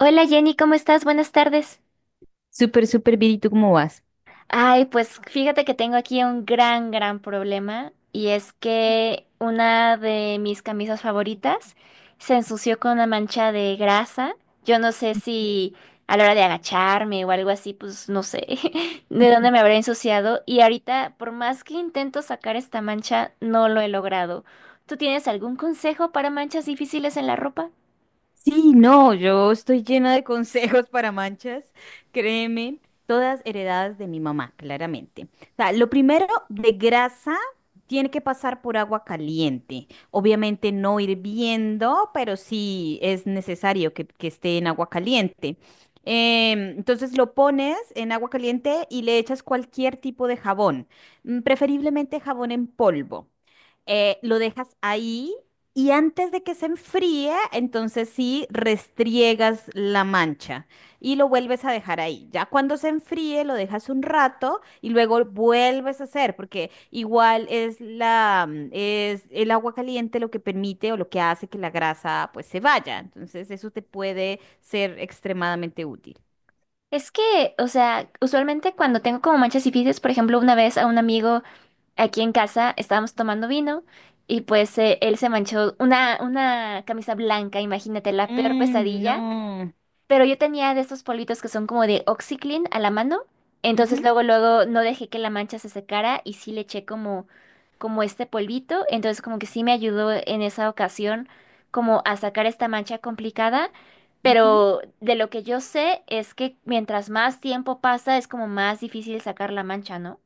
Hola Jenny, ¿cómo estás? Buenas tardes. Súper, súper bien. ¿Y tú cómo vas? Ay, pues fíjate que tengo aquí un gran, gran problema y es que una de mis camisas favoritas se ensució con una mancha de grasa. Yo no sé si a la hora de agacharme o algo así, pues no sé de dónde me habré ensuciado y ahorita por más que intento sacar esta mancha, no lo he logrado. ¿Tú tienes algún consejo para manchas difíciles en la ropa? Sí, no, yo estoy llena de consejos para manchas, créeme, todas heredadas de mi mamá, claramente. O sea, lo primero, de grasa, tiene que pasar por agua caliente. Obviamente no hirviendo, pero sí es necesario que esté en agua caliente. Entonces lo pones en agua caliente y le echas cualquier tipo de jabón, preferiblemente jabón en polvo. Lo dejas ahí. Y antes de que se enfríe, entonces sí restriegas la mancha y lo vuelves a dejar ahí. Ya cuando se enfríe, lo dejas un rato y luego vuelves a hacer, porque igual es el agua caliente lo que permite o lo que hace que la grasa pues se vaya. Entonces eso te puede ser extremadamente útil. Es que, o sea, usualmente cuando tengo como manchas y fides, por ejemplo, una vez a un amigo aquí en casa estábamos tomando vino y pues él se manchó una camisa blanca, imagínate, la peor Mm, pesadilla. no. Pero yo tenía de estos politos que son como de OxiClean a la mano. Entonces Ujú, luego, luego no dejé que la mancha se secara y sí le eché como, como este polvito. Entonces como que sí me ayudó en esa ocasión como a sacar esta mancha complicada. ujú. Pero de lo que yo sé es que mientras más tiempo pasa es como más difícil sacar la mancha, ¿no?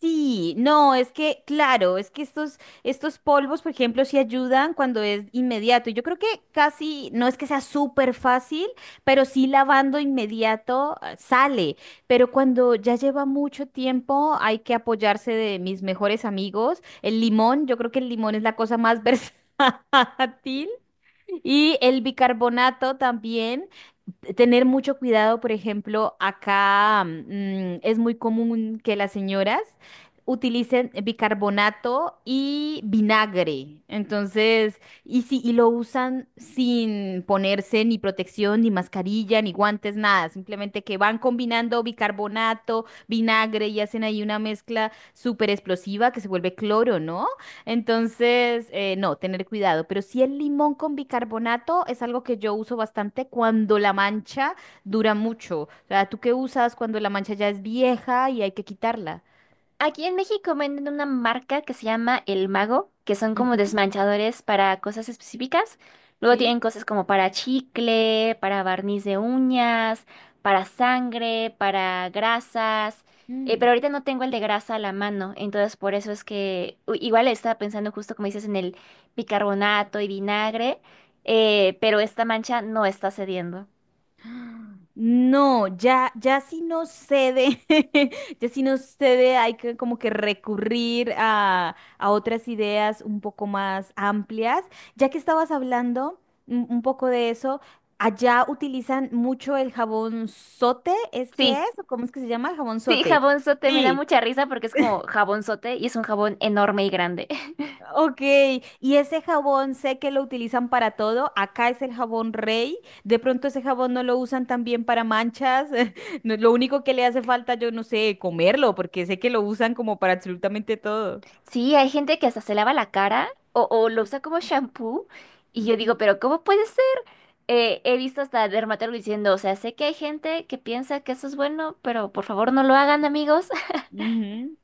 Sí, no, es que, claro, es que estos polvos, por ejemplo, sí ayudan cuando es inmediato. Yo creo que casi, no es que sea súper fácil, pero sí lavando inmediato sale. Pero cuando ya lleva mucho tiempo, hay que apoyarse de mis mejores amigos. El limón, yo creo que el limón es la cosa más versátil. Y el bicarbonato también. Tener mucho cuidado, por ejemplo, acá es muy común que las señoras utilicen bicarbonato y vinagre. Entonces, lo usan sin ponerse ni protección, ni mascarilla, ni guantes, nada, simplemente que van combinando bicarbonato, vinagre y hacen ahí una mezcla súper explosiva que se vuelve cloro, ¿no? Entonces, no, tener cuidado. Pero sí, el limón con bicarbonato es algo que yo uso bastante cuando la mancha dura mucho. O sea, ¿tú qué usas cuando la mancha ya es vieja y hay que quitarla? Aquí en México venden una marca que se llama El Mago, que son como Ujú. desmanchadores para cosas específicas. Luego ¿Sí? tienen cosas como para chicle, para barniz de uñas, para sangre, para grasas. Pero ahorita no tengo el de grasa a la mano, entonces por eso es que u- igual estaba pensando justo como dices en el bicarbonato y vinagre, pero esta mancha no está cediendo. No, ya, ya si no cede, ya si no cede, hay que como que recurrir a otras ideas un poco más amplias. Ya que estabas hablando un poco de eso, allá utilizan mucho el jabón sote, ¿es que Sí, es? ¿O cómo es que se llama el jabón sí, sote? jabonzote, me da Sí. mucha risa porque es como jabonzote y es un jabón enorme y grande. Ok, y ese jabón sé que lo utilizan para todo. Acá es el jabón Rey. De pronto ese jabón no lo usan también para manchas. No, lo único que le hace falta, yo no sé, comerlo, porque sé que lo usan como para absolutamente todo. Sí, hay gente que hasta se lava la cara o lo usa como shampoo. Y yo Ujú, digo, pero ¿cómo puede ser? He visto hasta dermatólogos diciendo, o sea, sé que hay gente que piensa que eso es bueno, pero por favor no lo hagan, amigos. ujú.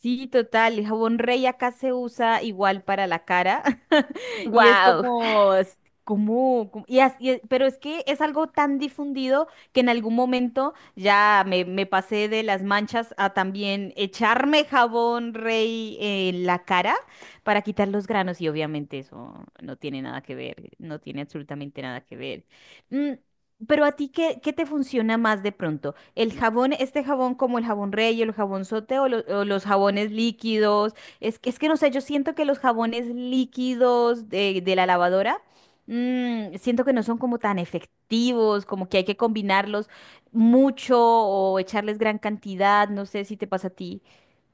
Sí, total, el jabón Rey acá se usa igual para la cara y es Wow. Pero es que es algo tan difundido que en algún momento ya me pasé de las manchas a también echarme jabón Rey en la cara para quitar los granos y obviamente eso no tiene nada que ver, no tiene absolutamente nada que ver. Mm, pero a ti, ¿qué te funciona más de pronto? ¿El jabón, este jabón como el jabón Rey, el jabón sote o, o los jabones líquidos? Es que no sé, yo siento que los jabones líquidos de la lavadora, siento que no son como tan efectivos, como que hay que combinarlos mucho o echarles gran cantidad, no sé si te pasa a ti.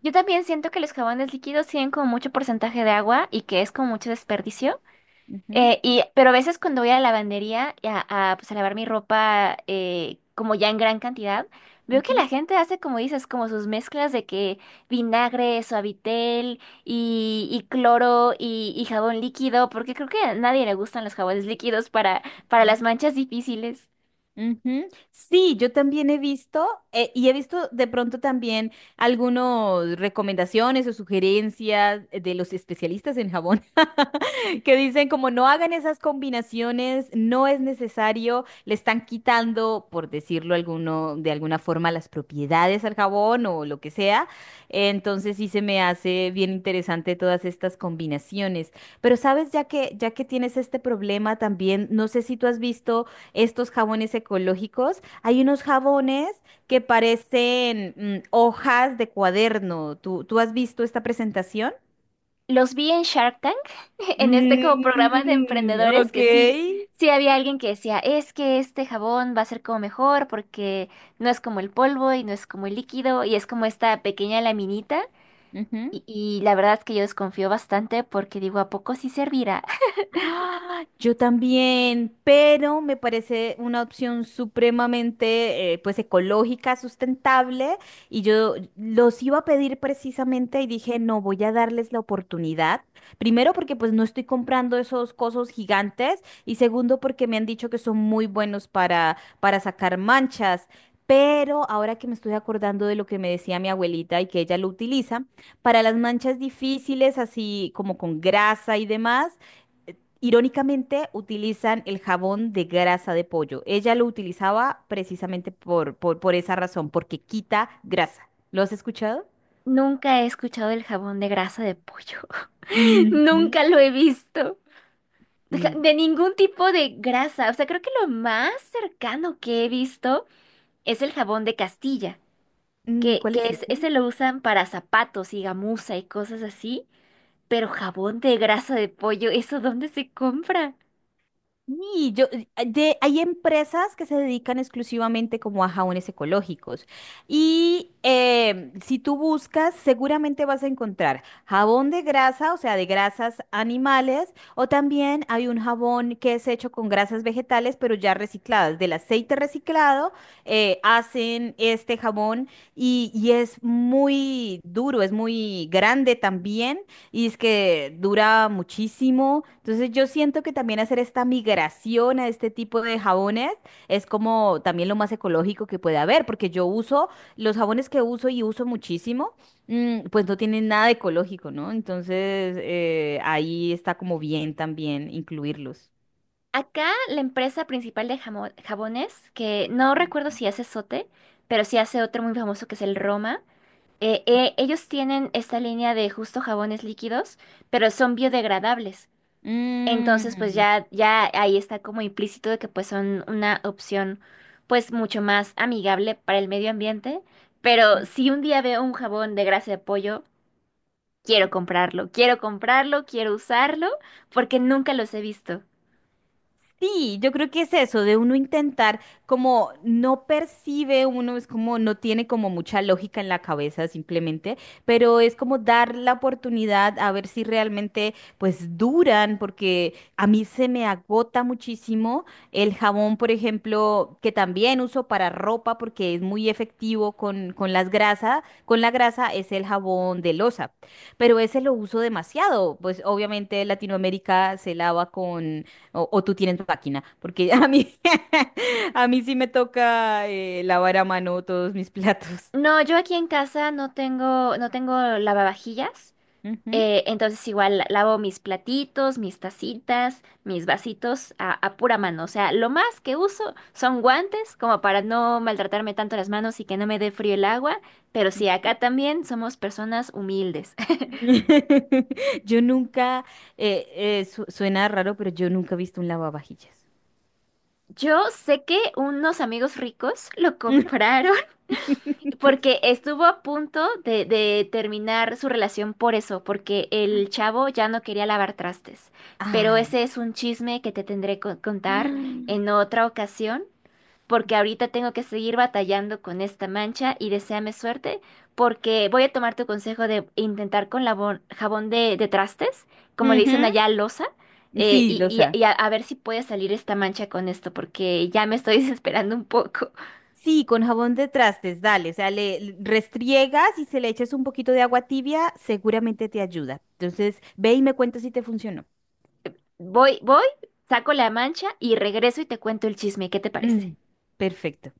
Yo también siento que los jabones líquidos tienen como mucho porcentaje de agua y que es como mucho desperdicio. Ujú, Pero a veces cuando voy a la lavandería y pues, a lavar mi ropa como ya en gran cantidad, veo que la gente hace como dices, como sus mezclas de que vinagre, suavitel y cloro y jabón líquido, porque creo que a nadie le gustan los jabones líquidos para ujú. las manchas difíciles. Ujú. Sí, yo también he visto y he visto de pronto también algunas recomendaciones o sugerencias de los especialistas en jabón que dicen como no hagan esas combinaciones, no es necesario, le están quitando, por decirlo alguno, de alguna forma, las propiedades al jabón o lo que sea. Entonces sí se me hace bien interesante todas estas combinaciones. Pero sabes, ya que tienes este problema también, no sé si tú has visto estos jabones ecológicos. Hay unos jabones que parecen hojas de cuaderno. ¿Tú, tú has visto esta presentación? Los vi en Shark Tank, en este como programa de Mm, emprendedores ok. que sí, sí había alguien que decía, es que este jabón va a ser como mejor porque no es como el polvo y no es como el líquido y es como esta pequeña laminita. Ujú. Y la verdad es que yo desconfío bastante porque digo, ¿a poco sí servirá? ¡Ah! Yo también, pero me parece una opción supremamente pues ecológica, sustentable, y yo los iba a pedir precisamente y dije, no, voy a darles la oportunidad. Primero porque pues no estoy comprando esos cosos gigantes, y segundo porque me han dicho que son muy buenos para sacar manchas. Pero ahora que me estoy acordando de lo que me decía mi abuelita y que ella lo utiliza, para las manchas difíciles, así como con grasa y demás, irónicamente, utilizan el jabón de grasa de pollo. Ella lo utilizaba precisamente por esa razón, porque quita grasa. ¿Lo has escuchado? Nunca he escuchado del jabón de grasa de pollo. Ujú. Nunca lo he visto. Deja- Mm, De ningún tipo de grasa. O sea, creo que lo más cercano que he visto es el jabón de Castilla. Que, ¿Cuál que es es- ese? ese lo usan para zapatos y gamuza y cosas así, pero jabón de grasa de pollo, ¿eso dónde se compra? Y yo, hay empresas que se dedican exclusivamente como a jabones ecológicos. Y si tú buscas, seguramente vas a encontrar jabón de grasa, o sea, de grasas animales, o también hay un jabón que es hecho con grasas vegetales, pero ya recicladas. Del aceite reciclado hacen este jabón, y es muy duro, es muy grande también y es que dura muchísimo. Entonces yo siento que también hacer esta migración a este tipo de jabones es como también lo más ecológico que puede haber, porque yo uso los jabones que uso y uso muchísimo, pues no tienen nada ecológico, ¿no? Entonces ahí está como bien también incluirlos. Acá la empresa principal de jamo- jabones, que no recuerdo si hace Sote, pero sí hace otro muy famoso que es el Roma, ellos tienen esta línea de justo jabones líquidos, pero son biodegradables. Entonces, pues Mm. ya, ya ahí está como implícito de que pues son una opción pues mucho más amigable para el medio ambiente. Pero si un día veo un jabón de grasa de pollo, quiero comprarlo, quiero comprarlo, quiero usarlo, porque nunca los he visto. Sí, yo creo que es eso, de uno intentar, como no percibe uno, es como no tiene como mucha lógica en la cabeza simplemente, pero es como dar la oportunidad a ver si realmente pues duran, porque a mí se me agota muchísimo el jabón, por ejemplo, que también uso para ropa porque es muy efectivo con las grasas, con la grasa es el jabón de loza, pero ese lo uso demasiado, pues obviamente Latinoamérica se lava, o tú tienes máquina, porque a mí, a mí sí me toca lavar a mano todos mis platos. No, yo aquí en casa no tengo, no tengo lavavajillas. Ujú. Entonces igual lavo mis platitos, mis tacitas, mis vasitos a, pura mano. O sea, lo más que uso son guantes como para no maltratarme tanto las manos y que no me dé frío el agua. Pero sí, acá también somos personas humildes. Yo nunca, eh, suena raro, pero yo nunca he visto un lavavajillas. Yo sé que unos amigos ricos lo compraron porque estuvo a punto de terminar su relación por eso, porque el chavo ya no quería lavar trastes. Pero Ay. ese es un chisme que te tendré que contar en otra ocasión, porque ahorita tengo que seguir batallando con esta mancha y deséame suerte, porque voy a tomar tu consejo de intentar con labón- jabón de trastes, como le dicen Ujú. allá, loza, Sí, losa. A ver si puede salir esta mancha con esto, porque ya me estoy desesperando un poco. Sí, con jabón de trastes, dale. O sea, le le restriegas y se le echas un poquito de agua tibia, seguramente te ayuda. Entonces, ve y me cuentas si te funcionó. Voy, voy, saco la mancha y regreso y te cuento el chisme, ¿qué te parece? Mm. Perfecto.